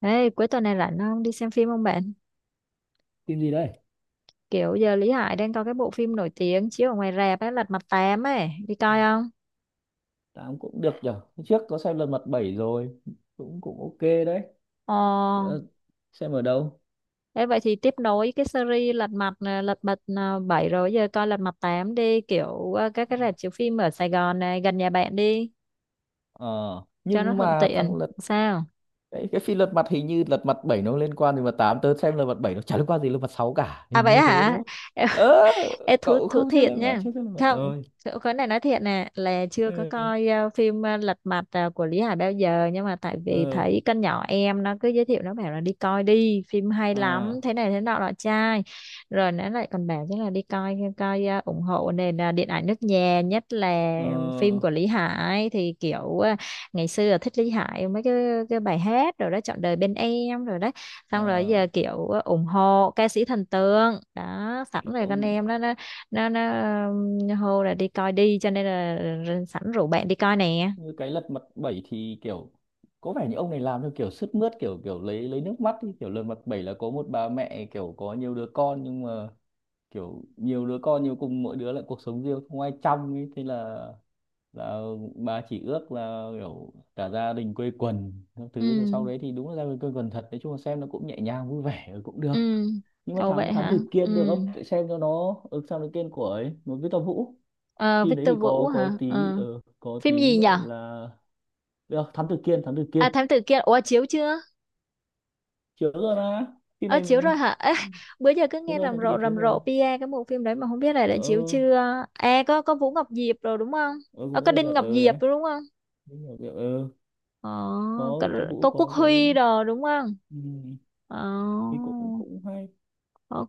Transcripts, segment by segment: Ê, cuối tuần này rảnh không? Đi xem phim không bạn? Phim gì đây? Kiểu giờ Lý Hải đang có cái bộ phim nổi tiếng chiếu ở ngoài rạp ấy, Lật Mặt tám ấy. Đi coi không? Tám cũng được nhở. Hôm trước có xem lần mặt bảy rồi, cũng cũng ok đấy. Ồ, Ờ, xem ở đâu? thế vậy thì tiếp nối cái series Lật Mặt Lật Mặt 7 rồi giờ coi Lật Mặt tám đi, kiểu các cái rạp chiếu phim ở Sài Gòn này gần nhà bạn đi ờ cho nó nhưng thuận mà thằng tiện. lật. Sao? Cái phim lật mặt hình như lật mặt bảy nó liên quan gì mà tám? Tớ xem lật mặt bảy nó chả liên quan gì lật mặt sáu cả, À hình vậy như thế hả? đúng không? Ơ, Ê, thú cậu thú không xem thiệt lật mặt? nha. Chưa, xem lật mặt Không, rồi. chỗ cái này nói thiệt nè là chưa có Ừ, coi phim Lật Mặt của Lý Hải bao giờ, nhưng mà tại vì ờ thấy con nhỏ em nó cứ giới thiệu, nó bảo là đi coi đi phim hay ờ à, lắm thế này thế nọ nọ trai, rồi nó lại còn bảo chắc là đi coi coi ủng hộ nền điện ảnh nước nhà, nhất là phim ờ của Lý Hải thì kiểu ngày xưa là thích Lý Hải mấy cái bài hát rồi đó, Trọn đời bên em rồi đó, xong rồi ờ, giờ kiểu ủng hộ ca sĩ thần tượng đó, sẵn rồi kiểu con em đó nó hô là đi coi đi, cho nên là sẵn rủ bạn đi coi nè. như cái lật mặt bảy thì kiểu có vẻ như ông này làm theo kiểu sướt mướt, kiểu kiểu lấy nước mắt ý. Kiểu lật mặt bảy là có một bà mẹ kiểu có nhiều đứa con, nhưng mà kiểu nhiều đứa con nhiều cùng, mỗi đứa lại cuộc sống riêng không ai chăm ấy, thế là bà chỉ ước là kiểu cả gia đình quây quần các Ừ. thứ, rồi sau đấy thì đúng là gia đình quây quần thật. Nói chung là xem nó cũng nhẹ nhàng vui vẻ, ừ, cũng được. Ừ. Nhưng mà Ồ vậy thám thám hả. tử Ừ. kiên được không? Để xem cho nó ừ, sao nó kiên của ấy một Victor Vũ. Ờ, Phim đấy thì Victor Vũ có hả. tí Ờ. Có Phim tí gì gọi nhở? là được. Thám tử kiên, thám tử À, kiên Thám Tử Kiên. Ủa chiếu chưa? Chiếu rồi mà, phim Ờ này chiếu mình- rồi hả. Ê, bữa giờ cứ chiếu nghe rồi, rầm thám tử rộ kiên chiếu rầm rộ rồi. PA cái bộ phim đấy mà không biết là đã Ờ. chiếu chưa. À có Vũ Ngọc Diệp rồi đúng không. Ờ, Ờ, cũng có có Đinh dẹp, Ngọc ờ, Diệp đấy. rồi đúng không. Cũng có dẹp, ờ, Ờ, có có, Victor Vũ, có Quốc có cái. Huy rồi đúng không. Ừ, Ờ, thì cũng cũng hay.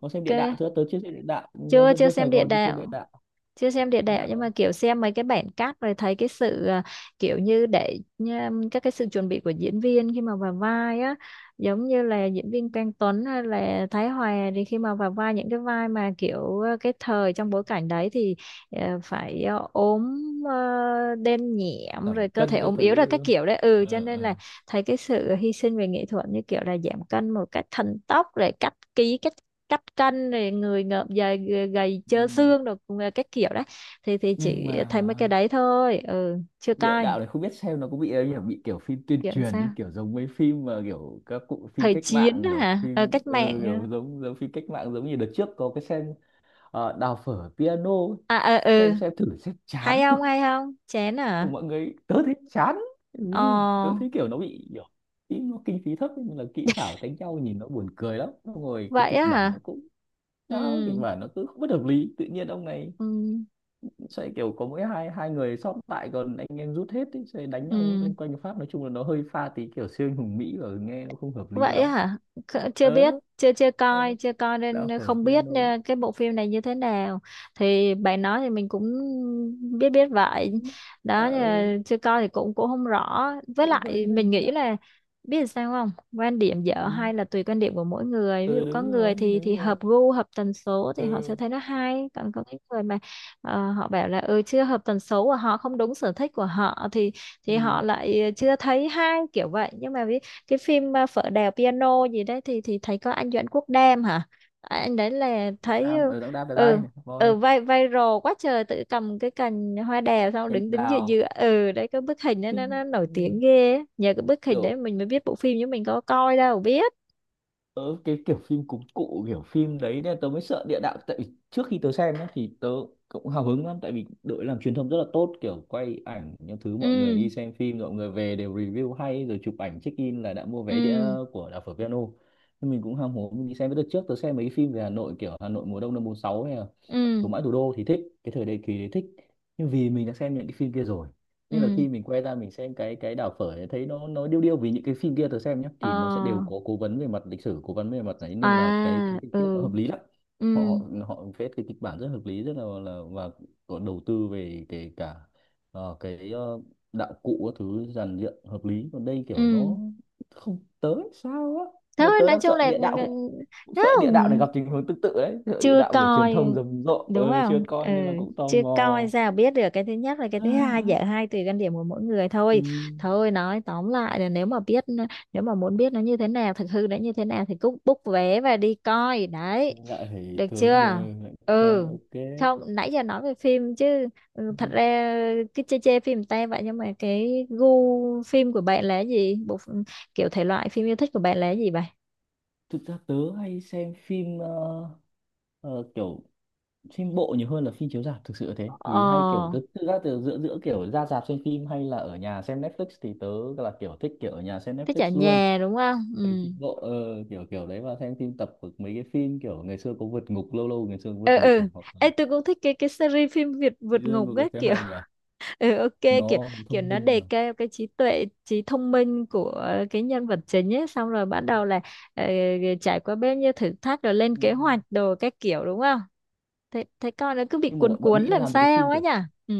Có xem địa đạo chưa? Tới chưa? Xem địa đạo, dân Chưa, dân chưa dân Sài xem địa Gòn đi chơi đạo. địa đạo. Chưa xem địa Địa đạo nhưng mà đạo. kiểu xem mấy cái bản cắt rồi, thấy cái sự kiểu như để nha, các cái sự chuẩn bị của diễn viên khi mà vào vai á, giống như là diễn viên Quang Tuấn hay là Thái Hòa thì khi mà vào vai những cái vai mà kiểu cái thời trong bối cảnh đấy thì phải ốm đen nhẹm Giảm rồi cơ thể cân các ốm yếu rồi thứ đúng các không? kiểu đấy, ừ cho Ờ, nên ờ. là thấy cái sự hy sinh về nghệ thuật như kiểu là giảm cân một cách thần tốc, rồi cắt ký cắt cắt cân rồi người ngợm dài gầy, gầy Ừ. trơ xương rồi cũng là các kiểu đấy. Thì Nhưng chỉ thấy mà mấy cái đấy thôi, ừ chưa địa coi. đạo này không biết xem nó có bị ấy nhỉ, bị kiểu phim tuyên Kiểu truyền sao, đi, kiểu giống mấy phim mà kiểu các cụ, phim thời cách chiến mạng, á kiểu hả. Ờ, phim cách ừ, mạng á. kiểu giống giống phim cách mạng, giống như đợt trước có cái xem đào phở piano ấy. À ờ ừ. Xem thử xem chán Hay cực. không, hay không chén Ừ, à. mọi người, tớ thấy chán. Ừ, Ờ tớ thấy kiểu nó bị kiểu ý nó kinh phí thấp nhưng là kỹ xảo đánh nhau nhìn nó buồn cười lắm. Xong rồi cái vậy kịch á bản hả. nó cũng Ừ. sao kịch bản nó cứ không bất hợp lý, tự nhiên ông này Ừ. sẽ kiểu có mỗi hai hai người sót lại còn anh em rút hết ấy, sẽ đánh nhau Ừ. lên quanh Pháp, nói chung là nó hơi pha tí kiểu siêu anh hùng Mỹ và nghe nó không hợp lý Vậy lắm. á hả? Kh- Chưa biết, ờ chưa chưa ờ, coi, chưa coi nên đạo phở không biết piano. Cái bộ phim này như thế nào. Thì bạn nói thì mình cũng biết biết vậy. Ừ, là Đó nhưng ờ, mà chưa coi thì cũng cũng không rõ. Với Cũng lại hơi hơi mình nghĩ lạ. là biết sao không? Quan điểm dở Ừ. hay là tùy quan điểm của mỗi người. Ví Ừ, dụ có đúng người rồi, thì đúng rồi. hợp gu, hợp tần số thì họ sẽ Ừ. thấy nó hay, còn có những người mà họ bảo là ừ chưa hợp tần số của họ, không đúng sở thích của họ Ừ, thì họ lại chưa thấy hay kiểu vậy. Nhưng mà ví cái phim Phở Đèo Piano gì đấy thì thấy có anh Doãn Quốc Đam hả. À, anh đấy là thấy đào, ừ. ừ, đào đào ở Ừ, đây này, ừ, thôi. vai viral quá trời, tự cầm cái cành hoa đào xong Cành đứng đứng giữa đào. giữa ừ đấy, cái bức hình đó nó nổi Ừ. tiếng ghê á. Nhờ cái bức hình đấy Kiểu mình mới biết bộ phim, chứ mình có coi đâu biết. ờ, cái kiểu phim cúng cụ, kiểu phim đấy nên tớ mới sợ địa đạo, tại vì trước khi tớ xem nhá, thì tớ cũng hào hứng lắm tại vì đội làm truyền thông rất là tốt, kiểu quay ảnh những thứ mọi người Ừ đi xem phim, mọi người về đều review hay rồi chụp ảnh check in là đã mua vé đĩa ừ của đảo phở piano. Nhưng mình cũng ham hố mình đi xem, với đợt trước tớ xem mấy phim về Hà Nội, kiểu Hà Nội mùa đông năm 46 hay là ừ Sống mãi thủ đô thì thích cái thời đại kỳ đấy, thích. Nhưng vì mình đã xem những cái phim kia rồi ừ. nên là khi mình quay ra mình xem cái đảo phở ấy, thấy nó điêu điêu, vì những cái phim kia tớ xem nhé Ờ thì nó sẽ đều có cố vấn về mặt lịch sử, cố vấn về mặt đấy à nên là cái tình tiết nó ừ hợp lý lắm. ừ Họ họ họ viết cái kịch bản rất hợp lý, rất là và có đầu tư về kể cả cái đạo cụ các thứ, dàn dựng hợp lý, còn đây ừ. kiểu nó không tới sao á. Nên Thôi tớ nói đang chung sợ là địa ừ, đạo cũng, cũng ừ, sợ địa đạo này không gặp tình huống tương tự đấy, sợ địa chưa đạo kiểu truyền coi thông rầm rộ, đúng chưa không. Ừ, coi nên là cũng tò chưa mò. coi sao biết được. Cái thứ nhất, và cái thứ hai dở hai tùy quan điểm của mỗi người Ừ. thôi. Thôi nói tóm lại là nếu mà biết, nếu mà muốn biết nó như thế nào, thực hư nó như thế nào thì cứ book vé và đi coi đấy, Lại phải được tớ ờ, chưa. lại xem, Ừ, ok. không nãy giờ nói về phim chứ. Ừ, thật ra cứ chê chê phim ta vậy, nhưng mà cái gu phim của bạn là gì, kiểu thể loại phim yêu thích của bạn là gì vậy. Thực ra tớ hay xem phim ờ, kiểu phim bộ nhiều hơn là phim chiếu rạp thực sự là thế, Ờ vì hay kiểu tớ thực ra từ giữa giữa kiểu ra rạp xem phim hay là ở nhà xem Netflix thì tớ là kiểu thích kiểu ở nhà xem thích Netflix ở luôn. nhà đúng không. Tại Ừ phim bộ kiểu kiểu đấy, và xem phim tập của mấy cái phim kiểu ngày xưa có vượt ngục, lâu lâu ngày xưa có ừ vượt ngục ừ. này hoặc là Ê, tôi cũng thích cái series phim Việt vượt dưới ngục ngục ấy đấy thấy kiểu. hay nhỉ, Ừ, ok. Kiểu nó kiểu thông nó minh đề mà. cao cái trí tuệ, trí thông minh của cái nhân vật chính ấy, xong rồi bắt đầu là ờ, trải qua bao nhiêu thử thách rồi lên Ừ. kế hoạch đồ các kiểu đúng không. Thế thế con nó cứ bị Nhưng mà cuốn bọn bọn cuốn Mỹ nó làm làm mấy cái sao phim ấy kiểu nhỉ. Ừ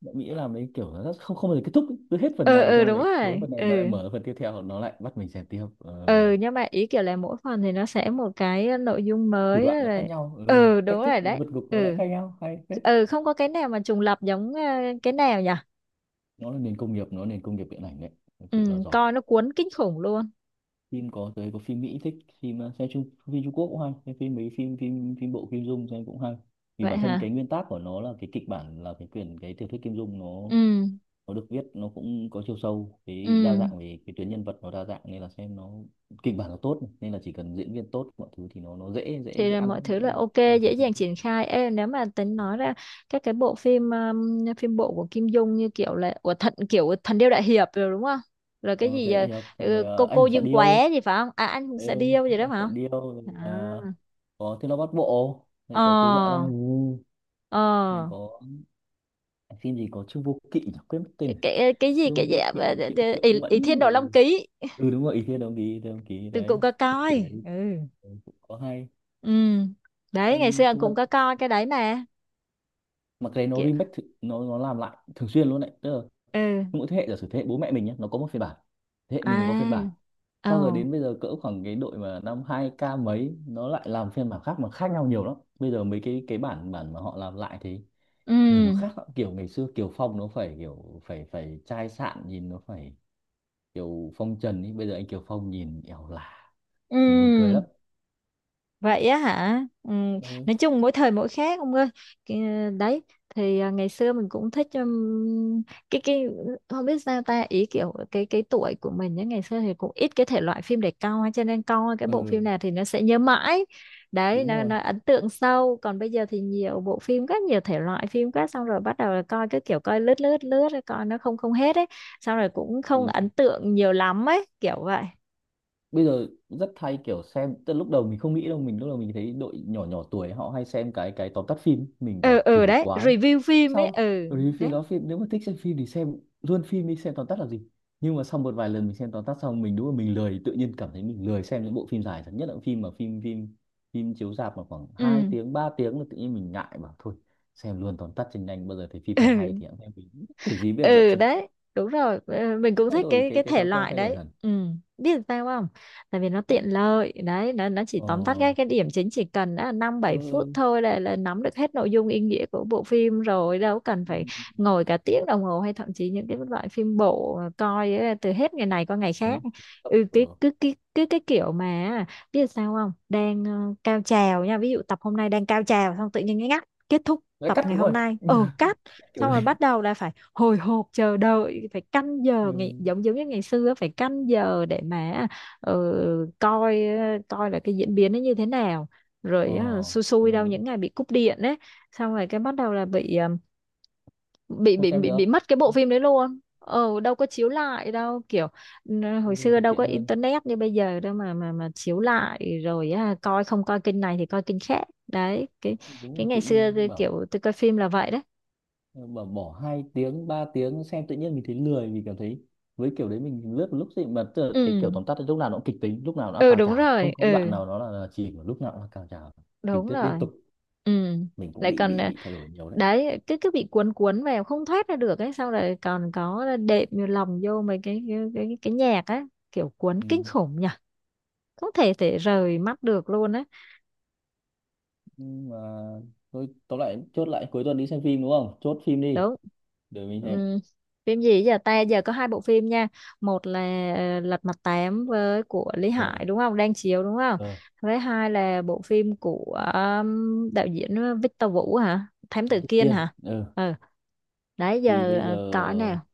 bạn nghĩ làm đấy kiểu nó rất không, không bao giờ kết thúc ấy. Cứ hết phần ừ này ừ xong rồi đúng lại cuối rồi phần này ừ. nó lại mở phần tiếp theo, nó lại bắt mình xem tiếp Ừ nhưng mà ý kiểu là mỗi phần thì nó sẽ một cái nội dung thủ đoạn mới nó khác rồi. nhau, ừ, Ừ cách đúng thức rồi nó đấy. vượt ngục nó lại Ừ. khác nhau, hay phết. Ừ, không có cái nào mà trùng lặp giống cái nào nhỉ. Nó là nền công nghiệp, nó là nền công nghiệp điện ảnh đấy, thực sự là Ừ, giỏi. coi nó cuốn kinh khủng luôn. Phim có tới có phim Mỹ thích phim xem Trung, phim Trung Quốc cũng hay xem phim, mấy phim phim phim bộ Kim Dung xem cũng hay, vì Vậy bản thân hả? cái nguyên tắc của nó là cái kịch bản là cái quyển cái tiểu thuyết Kim Dung nó Ừ, nó được viết nó cũng có chiều sâu, cái đa ừ. dạng về cái tuyến nhân vật nó đa dạng nên là xem nó, kịch bản nó tốt nên là chỉ cần diễn viên tốt mọi thứ thì nó dễ, dễ Thì dễ là ăn mọi lắm, thứ dễ là ok, làm dễ thành phim. dàng triển khai. Ê, nếu mà tính nói ra các cái bộ phim phim bộ của Kim Dung như kiểu là của thần kiểu Thần Điêu Đại Hiệp rồi đúng không? Rồi cái Ờ, gì thế thì, học, rồi, ừ, cô ờ, cô anh hùng Dương Quá điêu. gì phải không? À anh cũng Ừ, sẽ điêu gì đó anh phải xạ không? điêu, rồi À. là có thiên long bát bộ này, Ờ, có tiêu dọa long ngủ ờ. này, có phim gì có trương vô kỵ nhỉ, quên mất tên rồi. Cái cái gì Trương cái gì vô kỵ, triệu triệu ý, ý mẫn Thiên Đồ Long thì Ký ừ đúng rồi, ý thiên đồng ý đồng ký từng cũng đấy, có kiểu coi. đấy. Ừ. Ừ, cũng có hay. Ừ. Đấy ngày Em xưa thực ra cũng có coi cái đấy mà. mà cái đấy nó remake thử- nó làm lại thường xuyên luôn đấy, tức là Ừ mỗi thế hệ giả sử thế hệ bố mẹ mình nhé nó có một phiên bản, thế hệ mình nó có phiên bản à sau, rồi ồ đến bây giờ cỡ khoảng cái đội mà năm hai k mấy nó lại làm phiên bản khác mà khác nhau nhiều lắm. Bây giờ mấy cái bản bản mà họ làm lại thì nhìn nó ừ khác lắm. Kiểu ngày xưa Kiều Phong nó phải kiểu phải phải chai sạn, nhìn nó phải kiểu phong trần ý, bây giờ anh Kiều Phong nhìn ẻo lả, nhìn buồn cười ừ. lắm. Vậy á hả? Ừ. Ừ, Nói chung mỗi thời mỗi khác ông ơi. Cái- Đấy thì ngày xưa mình cũng thích cái không biết sao ta, ý kiểu cái tuổi của mình nhá, ngày xưa thì cũng ít cái thể loại phim để coi, cho nên coi cái bộ ừ phim nào thì nó sẽ nhớ mãi. Đấy đúng rồi. nó ấn tượng sâu, còn bây giờ thì nhiều bộ phim quá, nhiều thể loại phim quá, xong rồi bắt đầu là coi cái kiểu coi lướt lướt lướt rồi coi nó không không hết ấy, xong rồi cũng Ừ, không ấn tượng nhiều lắm ấy, kiểu vậy. bây giờ rất hay kiểu xem, tức là lúc đầu mình không nghĩ đâu, mình lúc đầu mình thấy đội nhỏ nhỏ tuổi họ hay xem cái tóm tắt phim, mình Ừ bảo ừ kỳ đấy, quái. review phim ấy, Sau ừ rồi phim đấy. đó, phim nếu mà thích xem phim thì xem luôn phim, đi xem tóm tắt là gì. Nhưng mà sau một vài lần mình xem tóm tắt xong, mình đúng là mình lười, tự nhiên cảm thấy mình lười xem những bộ phim dài, nhất là phim mà phim phim phim chiếu rạp mà khoảng hai Ừ. tiếng 3 tiếng là tự nhiên mình ngại, bảo thôi xem luôn tóm tắt cho nhanh, bao giờ thấy phim hay hay Ừ, thì hẵng xem. Mình kiểu gì bây giờ ừ đấy đúng rồi. Ờ, mình cũng thay thích đổi cái cái thể thói quen, loại thay đổi đấy hẳn. ừ, biết sao không, tại vì nó tiện Đó, lợi đấy, nó chỉ ờ, tóm tắt cái điểm chính, chỉ cần đã là năm bảy phút thôi là nắm được hết nội dung ý nghĩa của bộ phim, rồi đâu cần phải ừ. ngồi cả tiếng đồng hồ hay thậm chí những cái loại phim bộ mà coi ấy, từ hết ngày này qua ngày Ừ. khác. Ừ cái Ừ. cứ cái kiểu mà biết sao không, đang cao trào nha, ví dụ tập hôm nay đang cao trào xong tự nhiên cái ngắt kết thúc Nói tập cắt ngày đúng hôm rồi. nay ừ cắt, Kiểu xong rồi đấy. bắt đầu là phải hồi hộp chờ đợi, phải canh giờ ngày, Ừ. giống giống như ngày xưa phải canh giờ để mà ờ, coi coi là cái diễn biến nó như thế nào, Ờ, rồi xui xui ừ, đâu đúng những ngày bị cúp điện ấy, xong rồi cái bắt đầu là bị bị không? bị Xem bị, được. bị mất cái bộ phim đấy luôn, ờ đâu có chiếu lại đâu kiểu. Ừ, hồi Ừ, xưa thì đâu có tiện hơn, internet như bây giờ đâu mà chiếu lại rồi á, coi không coi kênh này thì coi kênh khác đấy cái. Cái đúng, ngày tự xưa nhiên tôi bảo kiểu tôi coi phim là vậy đấy. bảo bỏ hai tiếng ba tiếng xem tự nhiên mình thấy lười, mình cảm thấy với kiểu đấy mình lướt một lúc gì mà tức là cái kiểu Ừ tóm tắt ấy, lúc nào nó cũng kịch tính, lúc nào nó ừ cao đúng trào, rồi không có ừ đoạn nào nó là chỉ mà lúc nào nó là cao trào, tình đúng tiết liên rồi tục. ừ. Mình cũng Lại bị còn bị bị thay đổi nhiều đấy. đấy cái bị cuốn cuốn vào không thoát ra được ấy, xong rồi còn có đệm vô lòng vô mấy cái nhạc á, kiểu cuốn Ừ. kinh khủng nhỉ. Không thể thể rời mắt được luôn á. Nhưng mà thôi tóm lại chốt lại cuối tuần đi xem phim, đúng không, chốt phim đi Đúng để mình xem. ừ. Phim gì giờ ta, giờ có hai bộ phim nha, một là Lật Mặt Tám với của Lý Ờ. Hải đúng không, đang chiếu đúng không, Ờ. với hai là bộ phim của đạo diễn Victor Vũ hả, Thám Thám Tử tử Kiên Kiên, hả. ừ. Ừ đấy Thì giờ bây giờ có nào.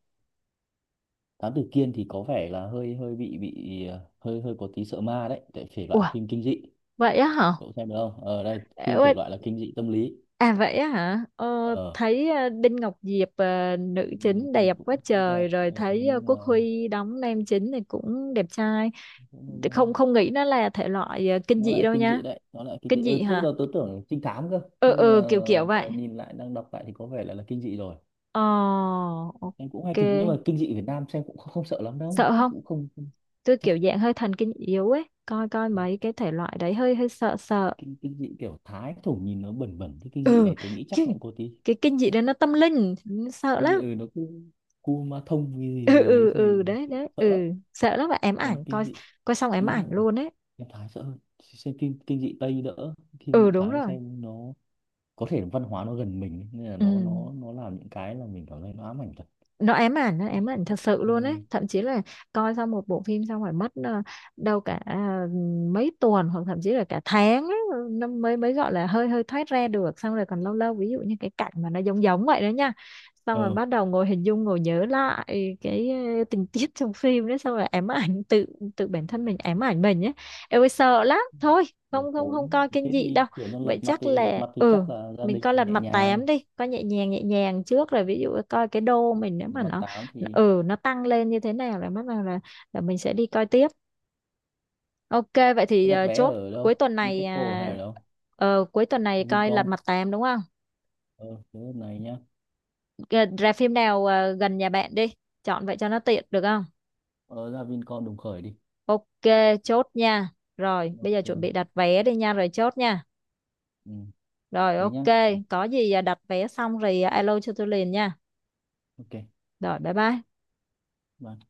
Thám tử Kiên thì có vẻ là hơi hơi bị hơi hơi có tí sợ ma đấy tại thể loại Ủa, phim kinh dị. vậy á hả. Cậu xem được không, ở đây Ê, phim thể quên. loại là kinh dị tâm lý. À vậy á hả, Ờ, thấy Đinh Ngọc Diệp nữ nhiều chính khi đẹp quá cũng cũng đẹp trời, rồi ờ, thấy nhưng mà Quốc Huy đóng nam chính thì cũng đẹp trai, cũng hơi, ờ, không không nghĩ nó là thể loại kinh nó dị lại đâu kinh nha. dị đấy, nó lại kinh Kinh dị, dị ừ, lúc hả, đầu tớ tưởng trinh thám cơ, ừ nhưng ừ kiểu kiểu mà vậy. nhìn lại đang đọc lại thì có vẻ là kinh dị rồi. Ờ Em cũng ok. hay thực, nhưng mà kinh dị Việt Nam xem cũng không, không sợ lắm đâu, Sợ chắc không, cũng không không- tôi chắc. kiểu dạng hơi thần kinh yếu ấy, coi coi Ừ. mấy cái thể loại đấy hơi hơi sợ sợ. kinh kinh dị kiểu Thái thổ nhìn nó bẩn bẩn thế, kinh dị Ừ, này tôi nghĩ chắc cái nó cũng có tí cái kinh dị đó nó tâm linh, sợ kinh lắm. dị, ừ, nó cứ cua ma thông cái gì Ừ gì đấy ừ ừ này, đấy đấy sợ lắm. ừ, sợ lắm mà ém Còn ảnh kinh coi, dị coi xong ém chính ảnh ra ừ, luôn ấy. em Thái sợ hơn, xem kinh kinh dị Tây đỡ, kinh Ừ dị đúng Thái rồi xem nó có thể văn hóa nó gần mình ấy, nên là ừ, nó làm những cái là mình cảm thấy nó ám ảnh thật. nó ám ảnh, nó ám ảnh thật sự luôn Ừ. ấy, thậm chí là coi xong một bộ phim xong phải mất đâu cả mấy tuần hoặc thậm chí là cả tháng ấy, nó mới mới gọi là hơi hơi thoát ra được, xong rồi còn lâu lâu ví dụ như cái cảnh mà nó giống giống vậy đó nha, xong rồi ờ bắt đầu ngồi hình dung, ngồi nhớ lại cái tình tiết trong phim đấy. Xong rồi ám ảnh tự, tự bản thân mình ám ảnh mình ấy. Em ơi sợ lắm thôi, Buổi không không tối không coi kinh thế dị thì đâu. chuyển sang lật Vậy mặt, chắc thì lật là mặt thì ừ, chắc là gia mình đình coi lật nhẹ mặt nhàng. tám đi, coi nhẹ nhàng, nhẹ nhàng trước rồi ví dụ coi cái đô mình nếu Lật mà mặt tám nó thì ừ nó tăng lên như thế nào là bắt đầu là mình sẽ đi coi tiếp. Ok vậy thế thì đặt vé chốt ở cuối đâu, tuần này Bitexco hay ở đâu, cuối tuần này coi lật Vincom? mặt tám đúng không. Ờ, thế này nhá, Ờ, ra phim nào gần nhà bạn đi, chọn vậy cho nó tiện được không. ờ, ra Vincom Đồng Khởi đi. Ok chốt nha, rồi bây giờ chuẩn Ok. bị đặt vé đi nha, rồi chốt nha. Ừ, Rồi thế nhá. ok, có gì đặt vé xong rồi alo cho tôi liền nha. Ok. Rồi bye bye. Bye.